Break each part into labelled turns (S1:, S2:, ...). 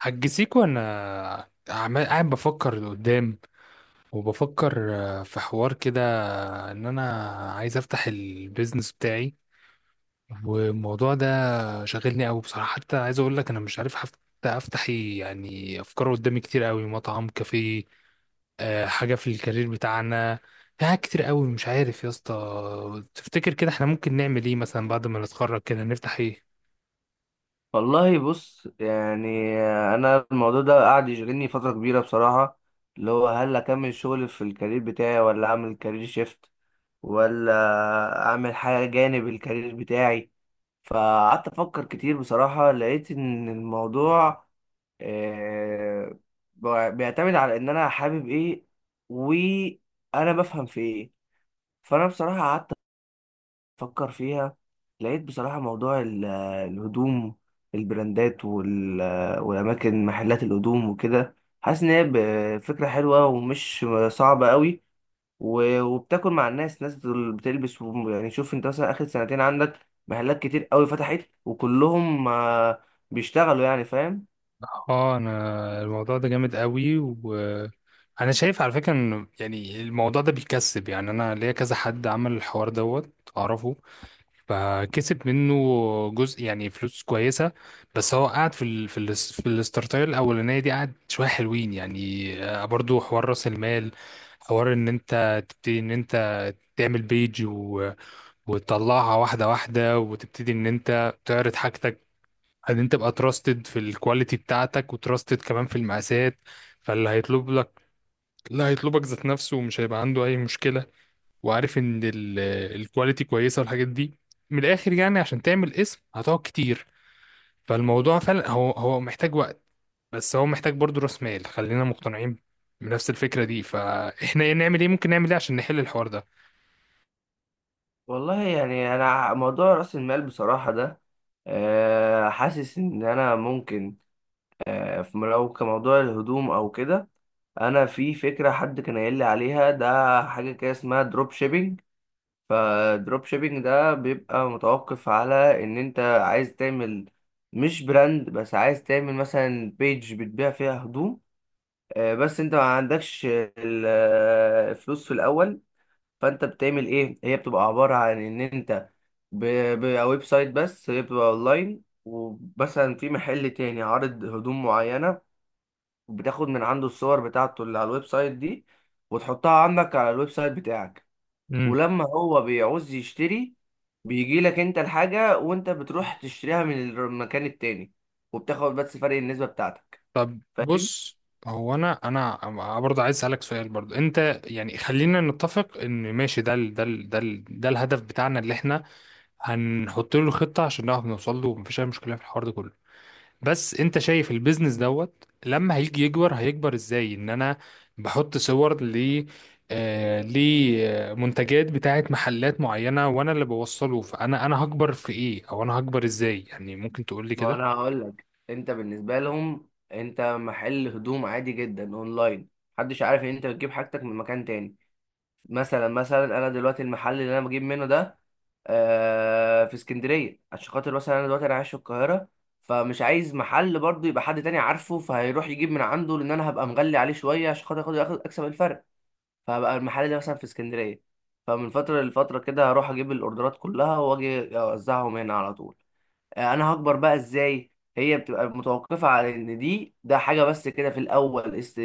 S1: هتجسيكو، انا عمال قاعد بفكر لقدام. وبفكر، في حوار كده ان انا عايز افتح البيزنس بتاعي. والموضوع ده شاغلني قوي بصراحة. حتى عايز اقول لك انا مش عارف حتى افتح إيه، يعني افكار قدامي كتير قوي: مطعم، كافيه، حاجة في الكارير بتاعنا. في حاجات كتير قوي. مش عارف يا اسطى، تفتكر كده احنا ممكن نعمل ايه مثلا بعد ما نتخرج؟ كده نفتح ايه؟
S2: والله بص يعني، انا الموضوع ده قاعد يشغلني فتره كبيره بصراحه. اللي هو هل اكمل شغل في الكارير بتاعي، ولا اعمل كارير شيفت، ولا اعمل حاجه جانب الكارير بتاعي. فقعدت افكر كتير بصراحه، لقيت ان الموضوع آه، بيعتمد على ان انا حابب ايه وانا بفهم في ايه. فانا بصراحه قعدت فكر فيها، لقيت بصراحة موضوع الهدوم، البراندات وال- آه، والأماكن محلات الهدوم وكده. حاسس إن هي فكرة حلوة ومش صعبة قوي، وبتاكل مع الناس، ناس دول بتلبس، يعني شوف أنت مثلا آخر سنتين عندك محلات كتير قوي فتحت، وكلهم بيشتغلوا، يعني فاهم.
S1: اه، انا الموضوع ده جامد قوي. وانا شايف على فكره ان يعني الموضوع ده بيكسب. يعني انا ليا كذا حد عمل الحوار دوت، اعرفه، فكسب منه جزء يعني فلوس كويسه. بس هو قاعد في الستارتايل الاولانيه دي، قاعد شويه حلوين يعني. برضو حوار راس المال. حوار ان انت تبتدي، ان انت تعمل بيج، وتطلعها واحده واحده، وتبتدي ان انت تعرض حاجتك، ان انت تبقى تراستد في الكواليتي بتاعتك، وتراستد كمان في المقاسات. فاللي هيطلب لك، لا، هيطلبك ذات نفسه، ومش هيبقى عنده اي مشكله. وعارف ان الكواليتي كويسه، والحاجات دي. من الاخر يعني عشان تعمل اسم، هتقعد كتير. فالموضوع فعلا هو محتاج وقت. بس هو محتاج برضو راس مال، خلينا مقتنعين بنفس الفكره دي. فاحنا نعمل ايه؟ ممكن نعمل ايه عشان نحل الحوار ده؟
S2: والله يعني أنا موضوع رأس المال بصراحة ده، حاسس إن أنا ممكن، لو كموضوع الهدوم أو كده، انا في فكره حد كان قايل لي عليها ده، حاجه كده اسمها دروب شيبينج. فدروب شيبينج ده بيبقى متوقف على ان انت عايز تعمل مش براند بس، عايز تعمل مثلا بيج بتبيع فيها هدوم، بس انت ما عندكش الفلوس في الاول. فانت بتعمل ايه؟ هي بتبقى عباره عن ان انت بيبقى ويب سايت، بس هي بتبقى اونلاين، ومثلا في محل تاني عارض هدوم معينه، بتاخد من عنده الصور بتاعته اللي على الويب سايت دي، وتحطها عندك على الويب سايت بتاعك.
S1: امم.
S2: ولما هو بيعوز يشتري، بيجي لك انت الحاجة، وانت بتروح تشتريها من المكان التاني، وبتاخد بس فرق النسبة بتاعتك.
S1: طب
S2: فاهم؟
S1: بص. هو انا برضه عايز اسالك سؤال. برضه انت، يعني خلينا نتفق ان ماشي، ده الهدف بتاعنا اللي احنا هنحط له خطه عشان نعرف نوصل له، ومفيش اي مشكله في الحوار ده كله. بس انت شايف البيزنس دوت لما هيجي يكبر، هيكبر ازاي؟ ان انا بحط صور ل آه لمنتجات بتاعت محلات معينه، وانا اللي بوصله. فانا هكبر في ايه؟ او انا هكبر ازاي يعني؟ ممكن تقول لي
S2: ما انا
S1: كده؟
S2: هقول لك، انت بالنسبة لهم انت محل هدوم عادي جدا اونلاين، محدش عارف ان انت بتجيب حاجتك من مكان تاني. مثلا انا دلوقتي المحل اللي انا بجيب منه ده في اسكندريه، عشان خاطر مثلا انا دلوقتي انا عايش في القاهره، فمش عايز محل برضه يبقى حد تاني عارفه، فهيروح يجيب من عنده، لان انا هبقى مغلي عليه شويه عشان خاطر اكسب الفرق. فهبقى المحل ده مثلا في اسكندريه، فمن فتره لفتره كده هروح اجيب الاوردرات كلها، واجي اوزعهم هنا على طول. انا هكبر بقى ازاي؟ هي بتبقى متوقفه على ان ده حاجه بس كده في الاول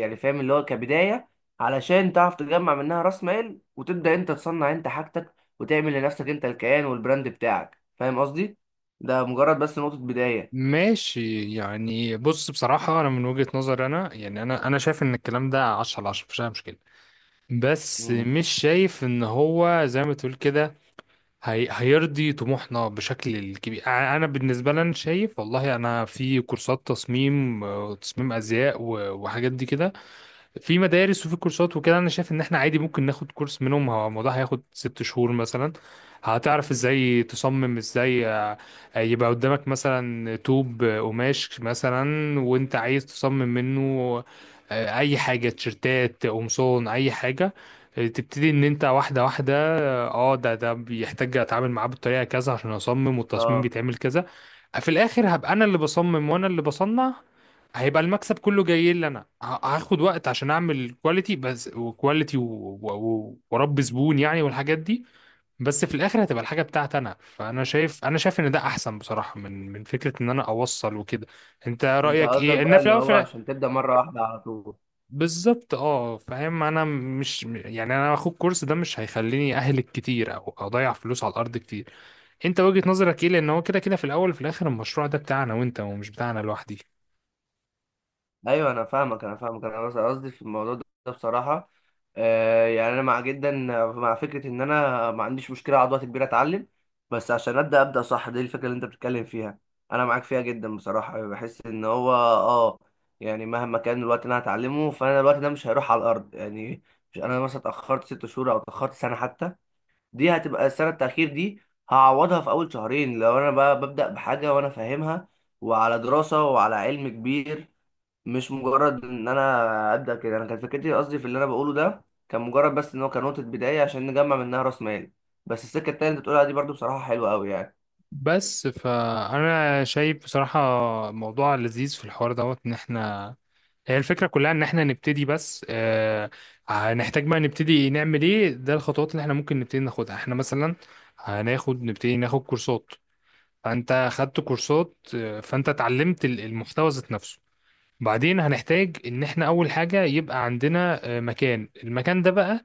S2: يعني فاهم، اللي هو كبدايه، علشان تعرف تجمع منها راس مال، وتبدا انت تصنع انت حاجتك وتعمل لنفسك انت الكيان والبراند بتاعك. فاهم قصدي؟ ده مجرد بس نقطه بدايه.
S1: ماشي يعني. بص بصراحة، أنا من وجهة نظري، أنا يعني أنا شايف إن الكلام ده 10 على 10، مفيش أي مشكلة. بس
S2: مم.
S1: مش شايف إن هو زي ما تقول كده، هي هيرضي طموحنا بشكل كبير. أنا بالنسبة لي، أنا شايف والله، أنا في كورسات تصميم وتصميم أزياء وحاجات دي كده، في مدارس وفي كورسات وكده. انا شايف ان احنا عادي ممكن ناخد كورس منهم. هو الموضوع هياخد 6 شهور مثلا. هتعرف ازاي تصمم، ازاي يبقى قدامك مثلا طوب، قماش مثلا، وانت عايز تصمم منه اي حاجة: تيشرتات، قمصان، اي حاجة. تبتدي ان انت واحدة واحدة. ده بيحتاج اتعامل معاه بالطريقة كذا عشان اصمم، والتصميم
S2: اه،
S1: بيتعمل كذا. في الاخر هبقى انا اللي بصمم، وانا اللي بصنع. هيبقى المكسب كله جاي لي انا. هاخد وقت عشان اعمل كواليتي بس، وكواليتي و- واربي زبون يعني، والحاجات دي. بس في الاخر هتبقى الحاجه بتاعتي انا. فانا شايف، انا شايف ان ده احسن بصراحه، من فكره ان انا اوصل وكده. انت
S2: انت
S1: رايك
S2: قصدك
S1: ايه ان
S2: بقى
S1: في
S2: اللي
S1: الاول
S2: هو عشان تبدا مره واحده على طول.
S1: بالظبط، اه، فاهم. انا مش يعني، انا اخد كورس ده مش هيخليني اهلك كتير او اضيع فلوس على الارض كتير. انت وجهه نظرك ايه؟ لان هو كده كده في الاول وفي الاخر، المشروع ده بتاعنا وانت، ومش بتاعنا لوحدي.
S2: ايوه انا فاهمك، انا بس قصدي في الموضوع ده بصراحه، آه يعني انا مع جدا مع فكره ان انا ما عنديش مشكله اقعد وقت كبير اتعلم، بس عشان ابدا صح. دي الفكره اللي انت بتتكلم فيها انا معاك فيها جدا بصراحه، بحس ان هو اه، يعني مهما كان الوقت اللي انا هتعلمه، فانا الوقت ده مش هيروح على الارض يعني. مش انا مثلا اتاخرت ست شهور او اتاخرت سنه حتى، دي هتبقى السنه التاخير دي هعوضها في اول شهرين، لو انا بقى ببدا بحاجه وانا فاهمها، وعلى دراسه وعلى علم كبير. مش مجرد ان انا ابدا كده. انا كانت فكرتي، قصدي في اللي انا بقوله ده، كان مجرد بس ان هو كان نقطه بدايه عشان نجمع منها راس مال. بس السكه التانيه اللي بتقولها دي برضو بصراحه حلوه قوي يعني.
S1: بس فانا شايف بصراحه، موضوع لذيذ في الحوار دوت. ان احنا، هي الفكره كلها ان احنا نبتدي بس. هنحتاج بقى نبتدي نعمل ايه؟ ده الخطوات اللي احنا ممكن نبتدي ناخدها. احنا مثلا هناخد، نبتدي ناخد كورسات. فانت خدت كورسات، فانت اتعلمت المحتوى ذات نفسه. بعدين هنحتاج ان احنا اول حاجه يبقى عندنا مكان. المكان ده بقى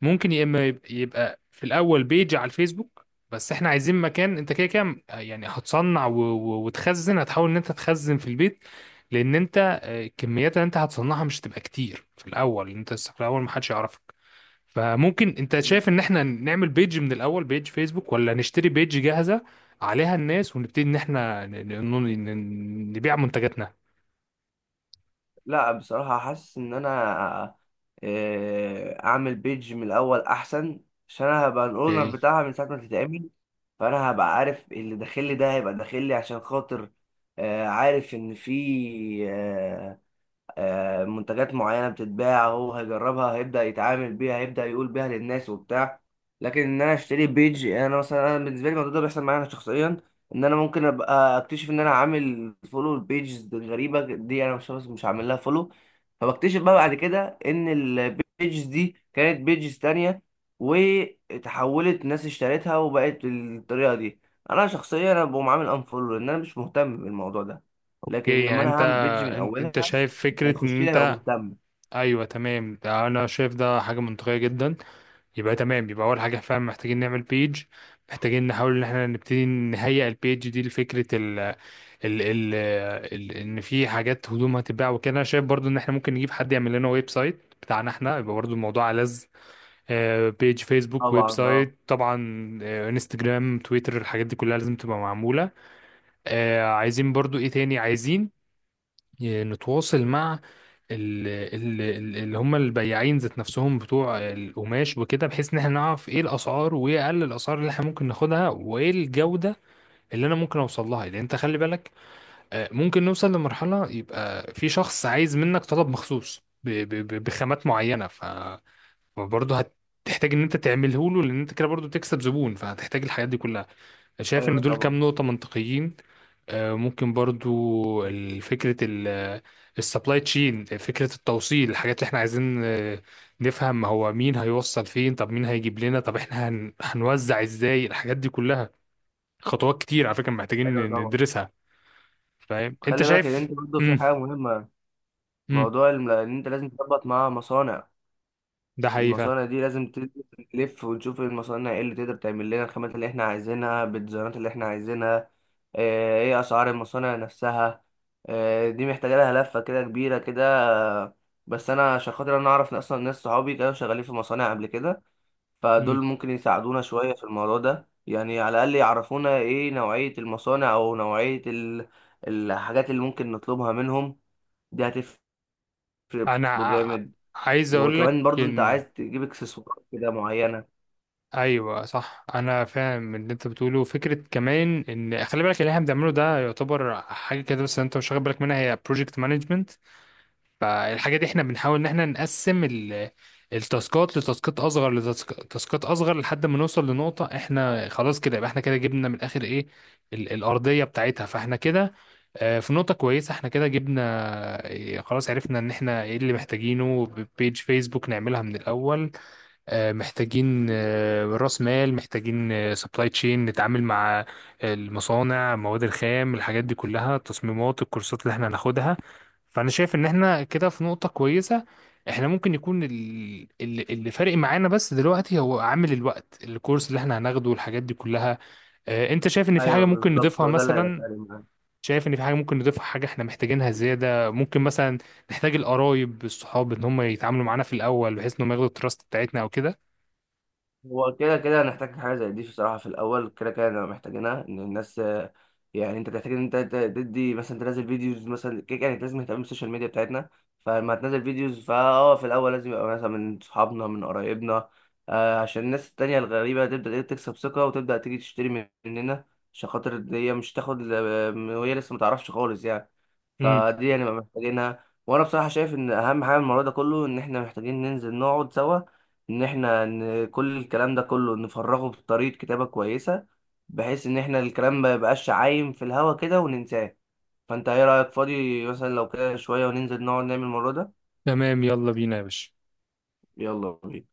S1: ممكن يا اما يبقى في الاول بيج على الفيسبوك. بس احنا عايزين مكان. انت كده كده يعني هتصنع وتخزن. هتحاول ان انت تخزن في البيت، لان انت، الكميات اللي انت هتصنعها مش تبقى كتير في الاول. انت لسه في الاول، محدش يعرفك. فممكن، انت
S2: مم.
S1: شايف ان احنا نعمل بيج من الاول، بيج فيسبوك، ولا نشتري بيج جاهزة عليها الناس ونبتدي ان احنا نبيع منتجاتنا؟
S2: لا بصراحه حاسس ان انا اعمل بيج من الاول احسن، عشان انا هبقى الاونر
S1: ايه.
S2: بتاعها من ساعه ما تتعمل. فانا هبقى عارف اللي داخل لي ده هيبقى داخل لي عشان خاطر عارف ان في منتجات معينة بتتباع، هو هيجربها، هيبدأ يتعامل بيها، هيبدأ يقول بيها للناس وبتاع. لكن ان انا اشتري بيج، يعني انا مثلا انا بالنسبة لي الموضوع ده بيحصل معايا انا شخصيا، ان انا ممكن ابقى اكتشف ان انا عامل فولو لبيجز غريبة دي انا مش عامل لها فولو، فبكتشف بقى بعد كده ان البيجز دي كانت بيجز تانية، وتحولت ناس اشترتها وبقت بالطريقة دي. انا شخصيا انا بقوم عامل انفولو، لان انا مش مهتم بالموضوع ده. لكن
S1: إيه
S2: لما
S1: يعني
S2: انا
S1: انت،
S2: هعمل بيج من اولها،
S1: انت شايف فكرة
S2: هيخش
S1: ان
S2: لي هيبقى
S1: انت؟
S2: مهتم.
S1: ايوه تمام، ده انا شايف ده حاجه منطقيه جدا. يبقى تمام. يبقى اول حاجه فعلا محتاجين نعمل بيج. محتاجين نحاول ان احنا نبتدي نهيئ البيج دي لفكره ال ال ال ال ان في حاجات هدوم هتتباع وكده. انا شايف برضو ان احنا ممكن نجيب حد يعمل لنا ويب سايت بتاعنا احنا. يبقى برضو الموضوع لذ. بيج فيسبوك، ويب
S2: طبعا اه.
S1: سايت طبعا، انستجرام، تويتر، الحاجات دي كلها لازم تبقى معموله. عايزين برضو ايه تاني؟ عايزين نتواصل مع اللي هم البياعين ذات نفسهم بتوع القماش وكده، بحيث ان احنا نعرف ايه الاسعار، وايه اقل الاسعار اللي احنا ممكن ناخدها، وايه الجودة اللي انا ممكن اوصل لها. لان انت خلي بالك، ممكن نوصل لمرحلة يبقى في شخص عايز منك طلب مخصوص بخامات معينة. فبرضه هتحتاج ان انت تعمله له، لان انت كده برضه بتكسب زبون. فهتحتاج الحاجات دي كلها. شايف ان
S2: ايوه
S1: دول
S2: طبعا.
S1: كام نقطة منطقيين؟ ممكن برضو فكرة السبلاي تشين، فكرة التوصيل، الحاجات اللي احنا عايزين نفهم هو مين هيوصل فين، طب مين هيجيب لنا، طب احنا هنوزع ازاي الحاجات دي كلها؟ خطوات كتير على فكرة محتاجين
S2: ايوه طبعا.
S1: ندرسها. فاهم؟ انت
S2: خلي بالك ان
S1: شايف؟
S2: انت برضه في
S1: امم
S2: حاجه مهمه،
S1: امم
S2: موضوع ان انت لازم تظبط مع مصانع.
S1: ده حقيقي فعلا.
S2: المصانع دي لازم تلف، ونشوف المصانع ايه اللي تقدر تعمل لنا الخامات اللي احنا عايزينها بالديزاينات اللي احنا عايزينها. ايه اسعار المصانع نفسها. دي محتاجه لها لفه كده كبيره كده. آه، بس انا عشان خاطر انا اعرف اصلا ناس صحابي كانوا شغالين في مصانع قبل كده،
S1: مم.
S2: فدول ممكن يساعدونا شوية في الموضوع ده، يعني على الأقل يعرفونا إيه نوعية المصانع أو نوعية الحاجات اللي ممكن نطلبها منهم. دي هتفرق
S1: انا
S2: برضه جامد.
S1: عايز اقول لك
S2: وكمان برضه أنت
S1: ان،
S2: عايز تجيب إكسسوارات كده معينة.
S1: ايوه صح، انا فاهم اللي انت بتقوله. فكره كمان ان خلي بالك، اللي احنا بنعمله ده يعتبر حاجه كده بس انت مش واخد بالك منها، هي بروجكت مانجمنت. فالحاجه دي احنا بنحاول ان احنا نقسم التاسكات لتاسكات اصغر لتاسكات اصغر، لحد ما نوصل لنقطه احنا خلاص كده. يبقى احنا كده جبنا من الاخر ايه؟ الارضيه بتاعتها. فاحنا كده في نقطه كويسه. احنا كده جبنا، خلاص عرفنا ان احنا ايه اللي محتاجينه: بيج فيسبوك نعملها من الاول، محتاجين راس مال، محتاجين سبلاي تشين نتعامل مع المصانع، مواد الخام، الحاجات دي كلها، التصميمات، الكورسات اللي احنا هناخدها. فانا شايف ان احنا كده في نقطة كويسة. احنا ممكن يكون اللي فارق معانا بس دلوقتي هو عامل الوقت، الكورس اللي احنا هناخده والحاجات دي كلها. انت شايف ان في حاجة
S2: أيوه
S1: ممكن
S2: بالظبط،
S1: نضيفها
S2: ده اللي هيبقى
S1: مثلا؟
S2: فارق معانا.
S1: شايف ان في حاجة ممكن نضيفها، حاجة احنا محتاجينها زيادة؟ ممكن مثلا نحتاج القرايب، الصحاب، ان هم يتعاملوا معانا في الاول، بحيث انهم ياخدوا التراست بتاعتنا او كده.
S2: هو كده هنحتاج حاجة زي دي بصراحة في الأول، كده هنبقى محتاجينها. إن الناس يعني أنت تحتاج إن أنت تدي مثلا، تنزل فيديوز مثلا، كده أنت لازم تهتم بالسوشيال ميديا بتاعتنا. فلما هتنزل فيديوز، فا أه في الأول لازم يبقى مثلا من صحابنا من قرايبنا، عشان الناس التانية الغريبة تبدأ إيه تكسب ثقة، وتبدأ تيجي تشتري مننا، عشان خاطر إن هي مش تاخد وهي لسه متعرفش خالص يعني.
S1: امم
S2: فدي هنبقى محتاجينها. وأنا بصراحة شايف إن أهم حاجة من الموضوع ده كله، إن إحنا محتاجين ننزل نقعد سوا، ان احنا ان كل الكلام ده كله نفرغه بطريقة كتابة كويسة، بحيث ان احنا الكلام ما يبقاش عايم في الهوا كده وننساه. فانت ايه رأيك فاضي مثلا لو كده شوية وننزل نقعد نعمل الموضوع ده؟
S1: تمام. يلا بينا يا باشا.
S2: يلا بينا.